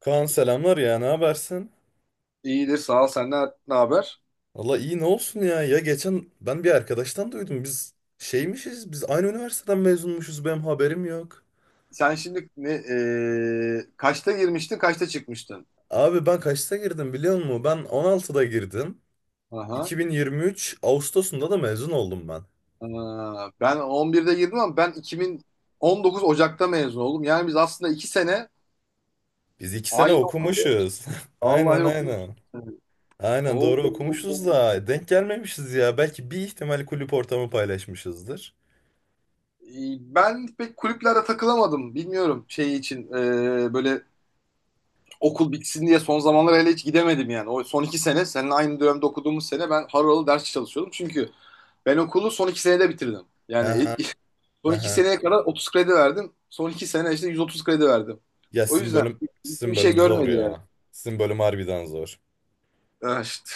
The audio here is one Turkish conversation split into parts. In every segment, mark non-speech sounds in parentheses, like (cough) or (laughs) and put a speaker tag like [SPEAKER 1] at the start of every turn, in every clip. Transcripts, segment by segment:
[SPEAKER 1] Kaan selamlar ya ne habersin?
[SPEAKER 2] İyidir sağ ol. Senden ne haber?
[SPEAKER 1] Valla iyi ne olsun ya geçen ben bir arkadaştan duydum biz aynı üniversiteden mezunmuşuz benim haberim yok.
[SPEAKER 2] Sen şimdi kaçta girmiştin, kaçta çıkmıştın?
[SPEAKER 1] Abi ben kaçta girdim biliyor musun? Ben 16'da girdim.
[SPEAKER 2] Aha.
[SPEAKER 1] 2023 Ağustos'unda da mezun oldum ben.
[SPEAKER 2] Aa, ben 11'de girdim ama ben 2019 Ocak'ta mezun oldum. Yani biz aslında 2 sene
[SPEAKER 1] Biz 2 sene
[SPEAKER 2] aynı okulu
[SPEAKER 1] okumuşuz. (laughs) Aynen
[SPEAKER 2] vallahi okumuşuz.
[SPEAKER 1] aynen. Aynen
[SPEAKER 2] Oo.
[SPEAKER 1] doğru okumuşuz da denk gelmemişiz ya. Belki bir ihtimal kulüp ortamı paylaşmışızdır.
[SPEAKER 2] Ben pek kulüplere takılamadım. Bilmiyorum şey için böyle okul bitsin diye son zamanlar hele hiç gidemedim yani. O son iki sene seninle aynı dönemde okuduğumuz sene ben harıl harıl ders çalışıyordum. Çünkü ben okulu son iki senede bitirdim.
[SPEAKER 1] Hı
[SPEAKER 2] Yani
[SPEAKER 1] hı
[SPEAKER 2] (laughs) son
[SPEAKER 1] hı.
[SPEAKER 2] iki
[SPEAKER 1] Hı.
[SPEAKER 2] seneye kadar 30 kredi verdim. Son iki sene işte 130 kredi verdim.
[SPEAKER 1] Ya
[SPEAKER 2] O
[SPEAKER 1] sizin
[SPEAKER 2] yüzden
[SPEAKER 1] bölüm sizin
[SPEAKER 2] bir şey
[SPEAKER 1] bölüm zor
[SPEAKER 2] görmedi yani.
[SPEAKER 1] ya. Sizin bölüm harbiden zor.
[SPEAKER 2] Ah işte.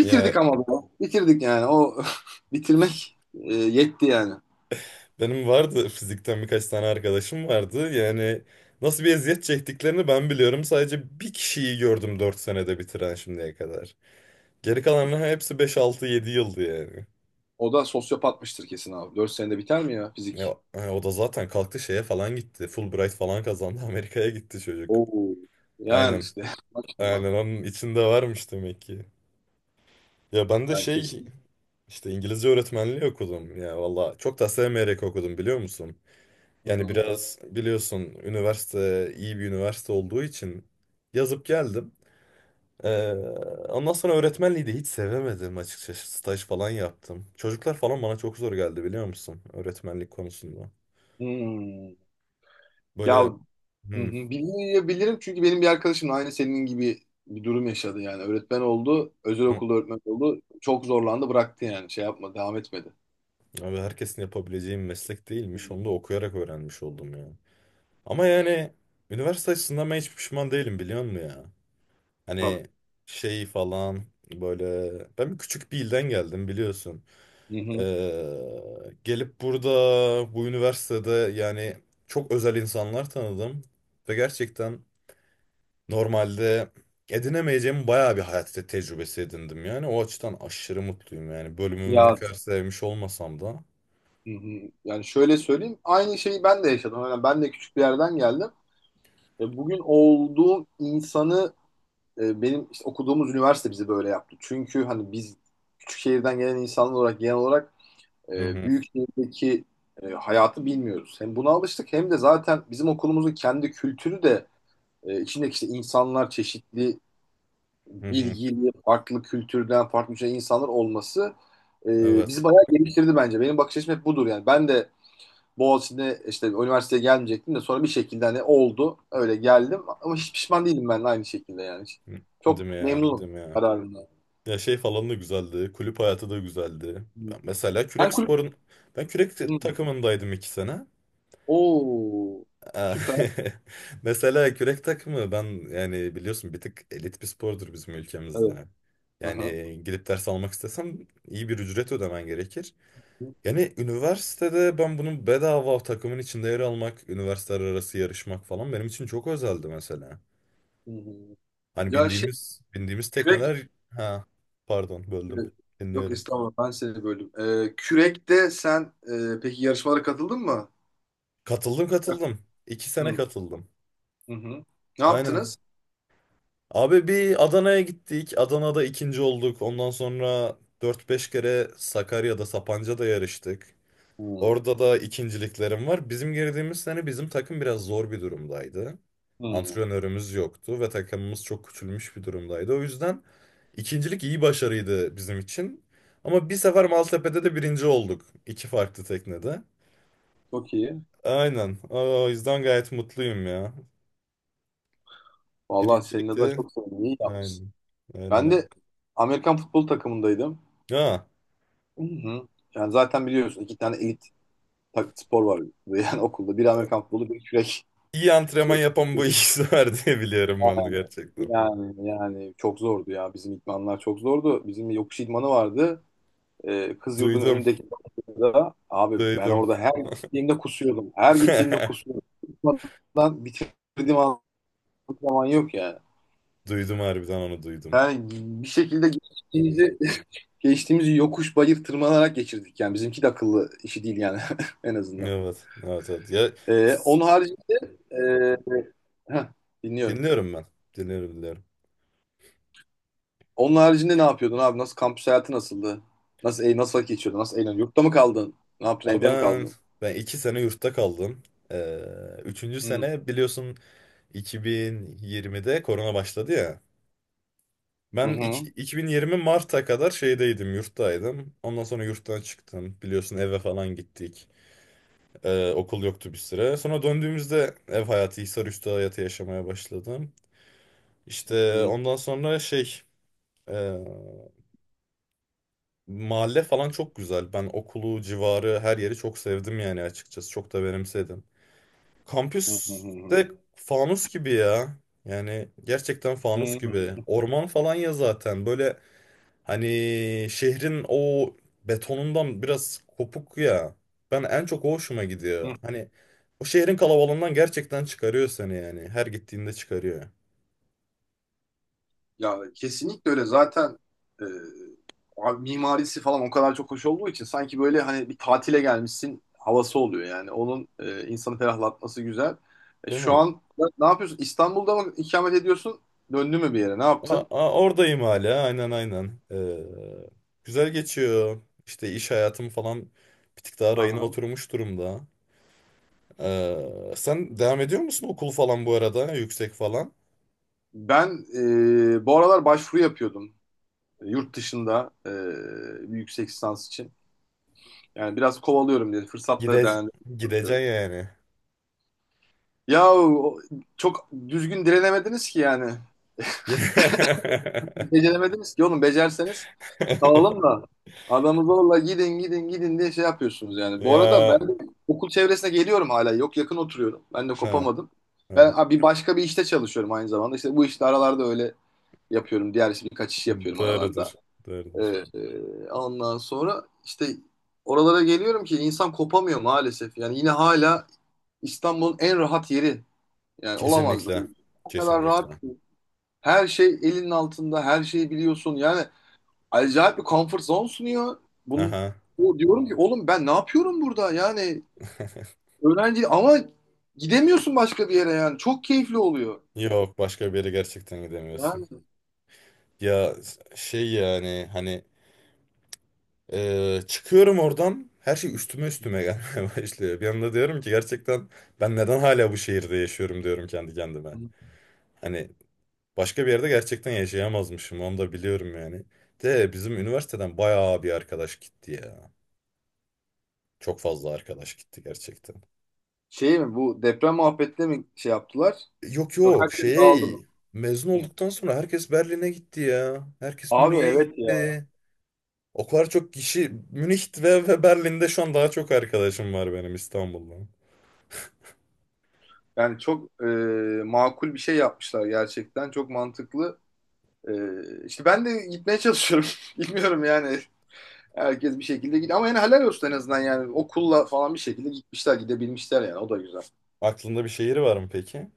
[SPEAKER 1] Ya,
[SPEAKER 2] ama bu. Bitirdik yani. O (laughs) bitirmek yetti yani.
[SPEAKER 1] Benim vardı fizikten birkaç tane arkadaşım vardı. Yani nasıl bir eziyet çektiklerini ben biliyorum. Sadece bir kişiyi gördüm 4 senede bitiren şimdiye kadar. Geri kalanların hepsi beş altı yedi yıldı yani.
[SPEAKER 2] O da sosyopatmıştır kesin abi. 4 senede biter mi ya fizik?
[SPEAKER 1] Ya, hani o da zaten kalktı şeye falan gitti. Fulbright falan kazandı. (laughs) Amerika'ya gitti çocuk.
[SPEAKER 2] Oo. Yani
[SPEAKER 1] Aynen.
[SPEAKER 2] işte. (laughs) Maşallah.
[SPEAKER 1] Aynen onun içinde varmış demek ki. Ya ben de
[SPEAKER 2] Yani kesin.
[SPEAKER 1] işte İngilizce öğretmenliği okudum. Ya valla çok da sevmeyerek okudum biliyor musun?
[SPEAKER 2] Hı
[SPEAKER 1] Yani
[SPEAKER 2] hı.
[SPEAKER 1] biraz biliyorsun üniversite iyi bir üniversite olduğu için yazıp geldim. Ee, ondan sonra öğretmenliği de hiç sevemedim açıkçası. Staj falan yaptım. Çocuklar falan bana çok zor geldi biliyor musun? Öğretmenlik konusunda.
[SPEAKER 2] Hmm. Ya. Hı
[SPEAKER 1] Böyle, hı,
[SPEAKER 2] hı. Bilgiyi bilirim çünkü benim bir arkadaşım aynı senin gibi bir durum yaşadı yani. Öğretmen oldu, özel
[SPEAKER 1] hı,
[SPEAKER 2] okulda öğretmen oldu. Çok zorlandı, bıraktı yani. Şey yapma, devam etmedi.
[SPEAKER 1] abi herkesin yapabileceği bir meslek
[SPEAKER 2] Hı
[SPEAKER 1] değilmiş.
[SPEAKER 2] hı.
[SPEAKER 1] Onu da okuyarak öğrenmiş oldum ya. Ama yani üniversite açısından ben hiç pişman değilim biliyor musun ya?
[SPEAKER 2] Tabii.
[SPEAKER 1] Hani şey falan böyle ben küçük bir ilden geldim biliyorsun.
[SPEAKER 2] Hı hı.
[SPEAKER 1] Gelip burada bu üniversitede yani çok özel insanlar tanıdım ve gerçekten normalde edinemeyeceğim bayağı bir hayat tecrübesi edindim yani o açıdan aşırı mutluyum yani bölümümü ne
[SPEAKER 2] Ya.
[SPEAKER 1] kadar sevmiş olmasam da.
[SPEAKER 2] Hı hı. Yani şöyle söyleyeyim, aynı şeyi ben de yaşadım. Yani ben de küçük bir yerden geldim. Bugün olduğum insanı, benim işte okuduğumuz üniversite bizi böyle yaptı. Çünkü hani biz küçük şehirden gelen insanlar olarak genel olarak
[SPEAKER 1] Hı hı,
[SPEAKER 2] Büyük şehirdeki hayatı bilmiyoruz. Hem buna alıştık hem de zaten bizim okulumuzun kendi kültürü de içindeki işte insanlar çeşitli
[SPEAKER 1] hı hı.
[SPEAKER 2] bilgili, farklı kültürden, farklı şey insanlar olması bizi
[SPEAKER 1] Evet.
[SPEAKER 2] bayağı geliştirdi bence. Benim bakış açım hep budur yani. Ben de Boğaziçi'ne işte üniversiteye gelmeyecektim de sonra bir şekilde hani oldu. Öyle geldim ama hiç pişman değilim ben de aynı şekilde yani.
[SPEAKER 1] Hı. Değil mi
[SPEAKER 2] Çok
[SPEAKER 1] ya? Değil
[SPEAKER 2] memnunum
[SPEAKER 1] mi ya?
[SPEAKER 2] kararımdan.
[SPEAKER 1] Ya şey falan da güzeldi. Kulüp hayatı da güzeldi.
[SPEAKER 2] Hmm.
[SPEAKER 1] Ben mesela
[SPEAKER 2] Sen
[SPEAKER 1] kürek
[SPEAKER 2] kulüp...
[SPEAKER 1] sporun ben kürek
[SPEAKER 2] Hmm.
[SPEAKER 1] takımındaydım 2 sene.
[SPEAKER 2] Oo,
[SPEAKER 1] Aa,
[SPEAKER 2] süper.
[SPEAKER 1] (laughs) mesela kürek takımı, ben yani biliyorsun bir tık elit bir spordur bizim
[SPEAKER 2] Evet.
[SPEAKER 1] ülkemizde. Yani
[SPEAKER 2] Aha.
[SPEAKER 1] gidip ders almak istesem iyi bir ücret ödemen gerekir. Yani üniversitede ben bunun bedava takımın içinde yer almak, üniversiteler arası yarışmak falan benim için çok özeldi mesela.
[SPEAKER 2] Hı hı.
[SPEAKER 1] Hani
[SPEAKER 2] Ya şey
[SPEAKER 1] bindiğimiz
[SPEAKER 2] kürek
[SPEAKER 1] tekneler, ha, pardon
[SPEAKER 2] e,
[SPEAKER 1] böldüm.
[SPEAKER 2] yok
[SPEAKER 1] Dinliyorum.
[SPEAKER 2] estağfurullah ben seni böldüm. Kürekte sen peki yarışmalara katıldın mı?
[SPEAKER 1] Katıldım katıldım. İki
[SPEAKER 2] Hı
[SPEAKER 1] sene
[SPEAKER 2] hı.
[SPEAKER 1] katıldım.
[SPEAKER 2] Hı. Ne
[SPEAKER 1] Aynen.
[SPEAKER 2] yaptınız?
[SPEAKER 1] Abi bir Adana'ya gittik. Adana'da ikinci olduk. Ondan sonra dört beş kere Sakarya'da, Sapanca'da yarıştık.
[SPEAKER 2] Hı
[SPEAKER 1] Orada da ikinciliklerim var. Bizim girdiğimiz sene bizim takım biraz zor bir durumdaydı.
[SPEAKER 2] hı.
[SPEAKER 1] Antrenörümüz yoktu ve takımımız çok küçülmüş bir durumdaydı. O yüzden ikincilik iyi başarıydı bizim için. Ama bir sefer Maltepe'de de birinci olduk. 2 farklı teknede.
[SPEAKER 2] Çok iyi.
[SPEAKER 1] Aynen. O yüzden gayet mutluyum ya.
[SPEAKER 2] Vallahi senin
[SPEAKER 1] Birincilik
[SPEAKER 2] adına
[SPEAKER 1] de
[SPEAKER 2] çok sevindim. İyi yapmışsın.
[SPEAKER 1] aynen. Aynen,
[SPEAKER 2] Ben
[SPEAKER 1] abi.
[SPEAKER 2] de Amerikan futbol takımındaydım.
[SPEAKER 1] Ha.
[SPEAKER 2] Hı hı. Yani zaten biliyorsun iki tane elit spor var burada. (laughs) Yani okulda. Biri Amerikan futbolu, biri kürek.
[SPEAKER 1] İyi antrenman
[SPEAKER 2] Şey,
[SPEAKER 1] yapan bu ikisi var diye biliyorum ben de gerçekten.
[SPEAKER 2] yani çok zordu ya. Bizim idmanlar çok zordu. Bizim yokuş idmanı vardı. Kız yurdunun
[SPEAKER 1] Duydum,
[SPEAKER 2] önündeki da abi ben
[SPEAKER 1] duydum.
[SPEAKER 2] orada her gittiğimde kusuyordum. Her gittiğimde
[SPEAKER 1] (laughs)
[SPEAKER 2] kusuyordum. Kusmadan bitirdiğim zaman yok yani.
[SPEAKER 1] Duydum harbiden, onu duydum.
[SPEAKER 2] Yani bir şekilde geçtiğimizi, (laughs) geçtiğimizi yokuş bayır tırmanarak geçirdik. Yani bizimki de akıllı işi değil yani (laughs) en azından.
[SPEAKER 1] Evet, evet, evet. Ya,
[SPEAKER 2] Ee,
[SPEAKER 1] s-
[SPEAKER 2] onun haricinde e, heh, dinliyorum.
[SPEAKER 1] dinliyorum ben. Dinliyorum, dinliyorum.
[SPEAKER 2] Onun haricinde ne yapıyordun abi? Nasıl kampüs hayatı nasıldı? Nasıl vakit geçiyordun? Nasıl eğleniyordun? Yurtta mı kaldın? Ne yaptın?
[SPEAKER 1] Ama
[SPEAKER 2] Evde mi
[SPEAKER 1] ben,
[SPEAKER 2] kaldın?
[SPEAKER 1] ben 2 sene yurtta kaldım. Ee, üçüncü
[SPEAKER 2] Hı
[SPEAKER 1] sene biliyorsun 2020'de korona başladı ya.
[SPEAKER 2] hı
[SPEAKER 1] Ben
[SPEAKER 2] hı
[SPEAKER 1] 2020 Mart'a kadar şeydeydim, yurttaydım. Ondan sonra yurttan çıktım. Biliyorsun eve falan gittik. Okul yoktu bir süre. Sonra döndüğümüzde ev hayatı, Hisarüstü hayatı yaşamaya başladım. İşte
[SPEAKER 2] hı
[SPEAKER 1] ondan sonra e, mahalle falan çok güzel. Ben okulu, civarı, her yeri çok sevdim yani açıkçası. Çok da benimsedim. Kampüs
[SPEAKER 2] hı
[SPEAKER 1] de fanus gibi ya. Yani gerçekten
[SPEAKER 2] hı
[SPEAKER 1] fanus gibi.
[SPEAKER 2] hı
[SPEAKER 1] Orman falan ya zaten. Böyle, hani şehrin o betonundan biraz kopuk ya. Ben en çok o hoşuma gidiyor.
[SPEAKER 2] hı.
[SPEAKER 1] Hani o şehrin kalabalığından gerçekten çıkarıyor seni yani. Her gittiğinde çıkarıyor.
[SPEAKER 2] Ya kesinlikle öyle. Zaten e, abi mimarisi falan o kadar çok hoş olduğu için sanki böyle hani bir tatile gelmişsin havası oluyor yani. Onun insanı ferahlatması güzel. E,
[SPEAKER 1] Değil
[SPEAKER 2] şu
[SPEAKER 1] mi?
[SPEAKER 2] an ne yapıyorsun? İstanbul'da mı ikamet ediyorsun? Döndün mü bir yere? Ne
[SPEAKER 1] A-
[SPEAKER 2] yaptın?
[SPEAKER 1] a- oradayım hala. Aynen aynen. Güzel geçiyor. İşte iş hayatım falan bir tık daha rayına
[SPEAKER 2] Aha.
[SPEAKER 1] oturmuş durumda. Sen devam ediyor musun okul falan bu arada? Yüksek falan.
[SPEAKER 2] Ben bu aralar başvuru yapıyordum yurt dışında bir yüksek lisans için. Yani biraz kovalıyorum diye fırsatları
[SPEAKER 1] Gide
[SPEAKER 2] değerlendirmeye
[SPEAKER 1] gideceksin
[SPEAKER 2] çalışıyorum.
[SPEAKER 1] yani.
[SPEAKER 2] Ya çok düzgün direnemediniz ki yani.
[SPEAKER 1] (laughs)
[SPEAKER 2] Beceremediniz ki oğlum. Becerseniz kalalım da. Adamı zorla gidin gidin gidin diye şey yapıyorsunuz yani. Bu arada
[SPEAKER 1] Ya.
[SPEAKER 2] ben de okul çevresine geliyorum hala. Yok yakın oturuyorum. Ben de
[SPEAKER 1] He.
[SPEAKER 2] kopamadım. Ben
[SPEAKER 1] Ha,
[SPEAKER 2] bir başka bir işte çalışıyorum aynı zamanda. İşte bu işte aralarda öyle yapıyorum. Diğer iş, birkaç iş yapıyorum aralarda.
[SPEAKER 1] doğrudur.
[SPEAKER 2] Ee,
[SPEAKER 1] Doğrudur.
[SPEAKER 2] ondan sonra işte oralara geliyorum ki insan kopamıyor maalesef. Yani yine hala İstanbul'un en rahat yeri. Yani olamaz
[SPEAKER 1] Kesinlikle.
[SPEAKER 2] böyle. O kadar rahat.
[SPEAKER 1] Kesinlikle.
[SPEAKER 2] Her şey elinin altında. Her şeyi biliyorsun. Yani acayip bir comfort zone sunuyor. Bunun,
[SPEAKER 1] Haha.
[SPEAKER 2] o diyorum ki oğlum ben ne yapıyorum burada? Yani
[SPEAKER 1] (laughs)
[SPEAKER 2] öğrenci ama gidemiyorsun başka bir yere yani. Çok keyifli oluyor.
[SPEAKER 1] Yok, başka bir yere gerçekten gidemiyorsun.
[SPEAKER 2] Yani
[SPEAKER 1] Ya şey yani hani çıkıyorum oradan her şey üstüme üstüme gelmeye (laughs) başlıyor. Bir anda diyorum ki gerçekten ben neden hala bu şehirde yaşıyorum diyorum kendi kendime. Hani başka bir yerde gerçekten yaşayamazmışım, onu da biliyorum yani. De bizim üniversiteden bayağı bir arkadaş gitti ya. Çok fazla arkadaş gitti gerçekten.
[SPEAKER 2] şey mi bu deprem muhabbetle mi şey yaptılar?
[SPEAKER 1] Yok
[SPEAKER 2] Yok
[SPEAKER 1] yok,
[SPEAKER 2] herkes dağıldı mı?
[SPEAKER 1] mezun
[SPEAKER 2] Hı.
[SPEAKER 1] olduktan sonra herkes Berlin'e gitti ya. Herkes
[SPEAKER 2] Abi
[SPEAKER 1] Münih'e
[SPEAKER 2] evet ya.
[SPEAKER 1] gitti. O kadar çok kişi Münih ve Berlin'de, şu an daha çok arkadaşım var benim İstanbul'dan.
[SPEAKER 2] Yani çok makul bir şey yapmışlar gerçekten. Çok mantıklı. E, işte ben de gitmeye çalışıyorum. (laughs) Bilmiyorum yani. Herkes bir şekilde gidiyor. Ama yani helal olsun en azından yani. Okulla falan bir şekilde gitmişler, gidebilmişler yani. O da güzel.
[SPEAKER 1] Aklında bir şehir var mı peki?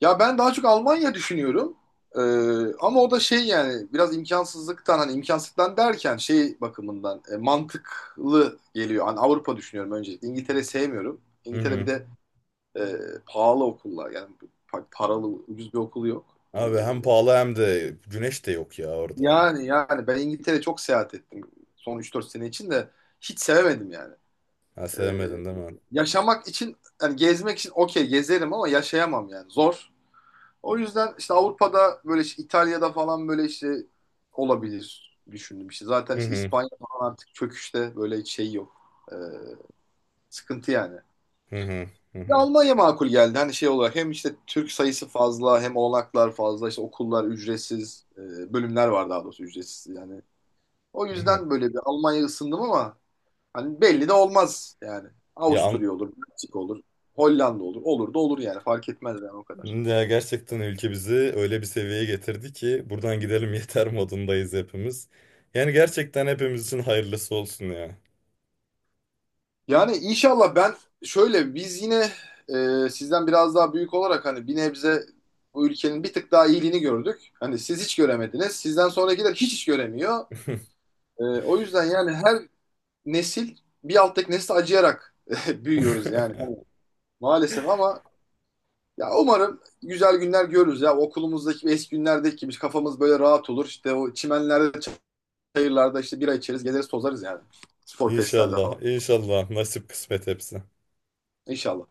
[SPEAKER 2] Ya ben daha çok Almanya düşünüyorum. Ee, Ama o da şey yani biraz imkansızlıktan hani imkansızlıktan derken şey bakımından mantıklı geliyor. Hani Avrupa düşünüyorum öncelikle. İngiltere sevmiyorum.
[SPEAKER 1] Hı
[SPEAKER 2] İngiltere bir
[SPEAKER 1] hı.
[SPEAKER 2] de e, pahalı okullar yani paralı ucuz bir okul yok. Ee,
[SPEAKER 1] Abi hem pahalı hem de güneş de yok ya orada.
[SPEAKER 2] yani ben İngiltere çok seyahat ettim son üç dört sene için de hiç sevemedim yani.
[SPEAKER 1] Ha,
[SPEAKER 2] Ee,
[SPEAKER 1] sevmedin değil mi?
[SPEAKER 2] Yaşamak için yani gezmek için okey gezerim ama yaşayamam yani zor. O yüzden işte Avrupa'da böyle işte İtalya'da falan böyle işte olabilir düşündüm işte.
[SPEAKER 1] Hı
[SPEAKER 2] Zaten işte
[SPEAKER 1] hı.
[SPEAKER 2] İspanya falan artık çöküşte böyle hiç şey yok. Ee, Sıkıntı yani.
[SPEAKER 1] Hı hı. Hı
[SPEAKER 2] Ya
[SPEAKER 1] hı.
[SPEAKER 2] Almanya makul geldi. Hani şey olarak hem işte Türk sayısı fazla hem olanaklar fazla işte okullar ücretsiz bölümler var daha doğrusu ücretsiz yani. O
[SPEAKER 1] Hı hı.
[SPEAKER 2] yüzden böyle bir Almanya ısındım ama hani belli de olmaz yani.
[SPEAKER 1] Ya,
[SPEAKER 2] Avusturya olur, Meksika olur, Hollanda olur. Olur da olur yani fark etmez yani o kadar.
[SPEAKER 1] gerçekten ülke bizi öyle bir seviyeye getirdi ki buradan gidelim (laughs) yeter modundayız hepimiz. Yani gerçekten hepimiz için hayırlısı olsun ya.
[SPEAKER 2] Yani inşallah ben şöyle biz yine sizden biraz daha büyük olarak hani bir nebze bu ülkenin bir tık daha iyiliğini gördük. Hani siz hiç göremediniz. Sizden sonrakiler hiç hiç göremiyor. O yüzden yani her nesil bir alttaki nesle acıyarak (laughs) büyüyoruz yani
[SPEAKER 1] (laughs)
[SPEAKER 2] maalesef ama ya umarım güzel günler görürüz ya okulumuzdaki eski günlerdeki gibi kafamız böyle rahat olur. İşte o çimenlerde, çayırlarda işte bira içeriz, gezeriz, tozarız yani. Spor festlerde falan.
[SPEAKER 1] İnşallah, inşallah. Nasip kısmet hepsi.
[SPEAKER 2] İnşallah.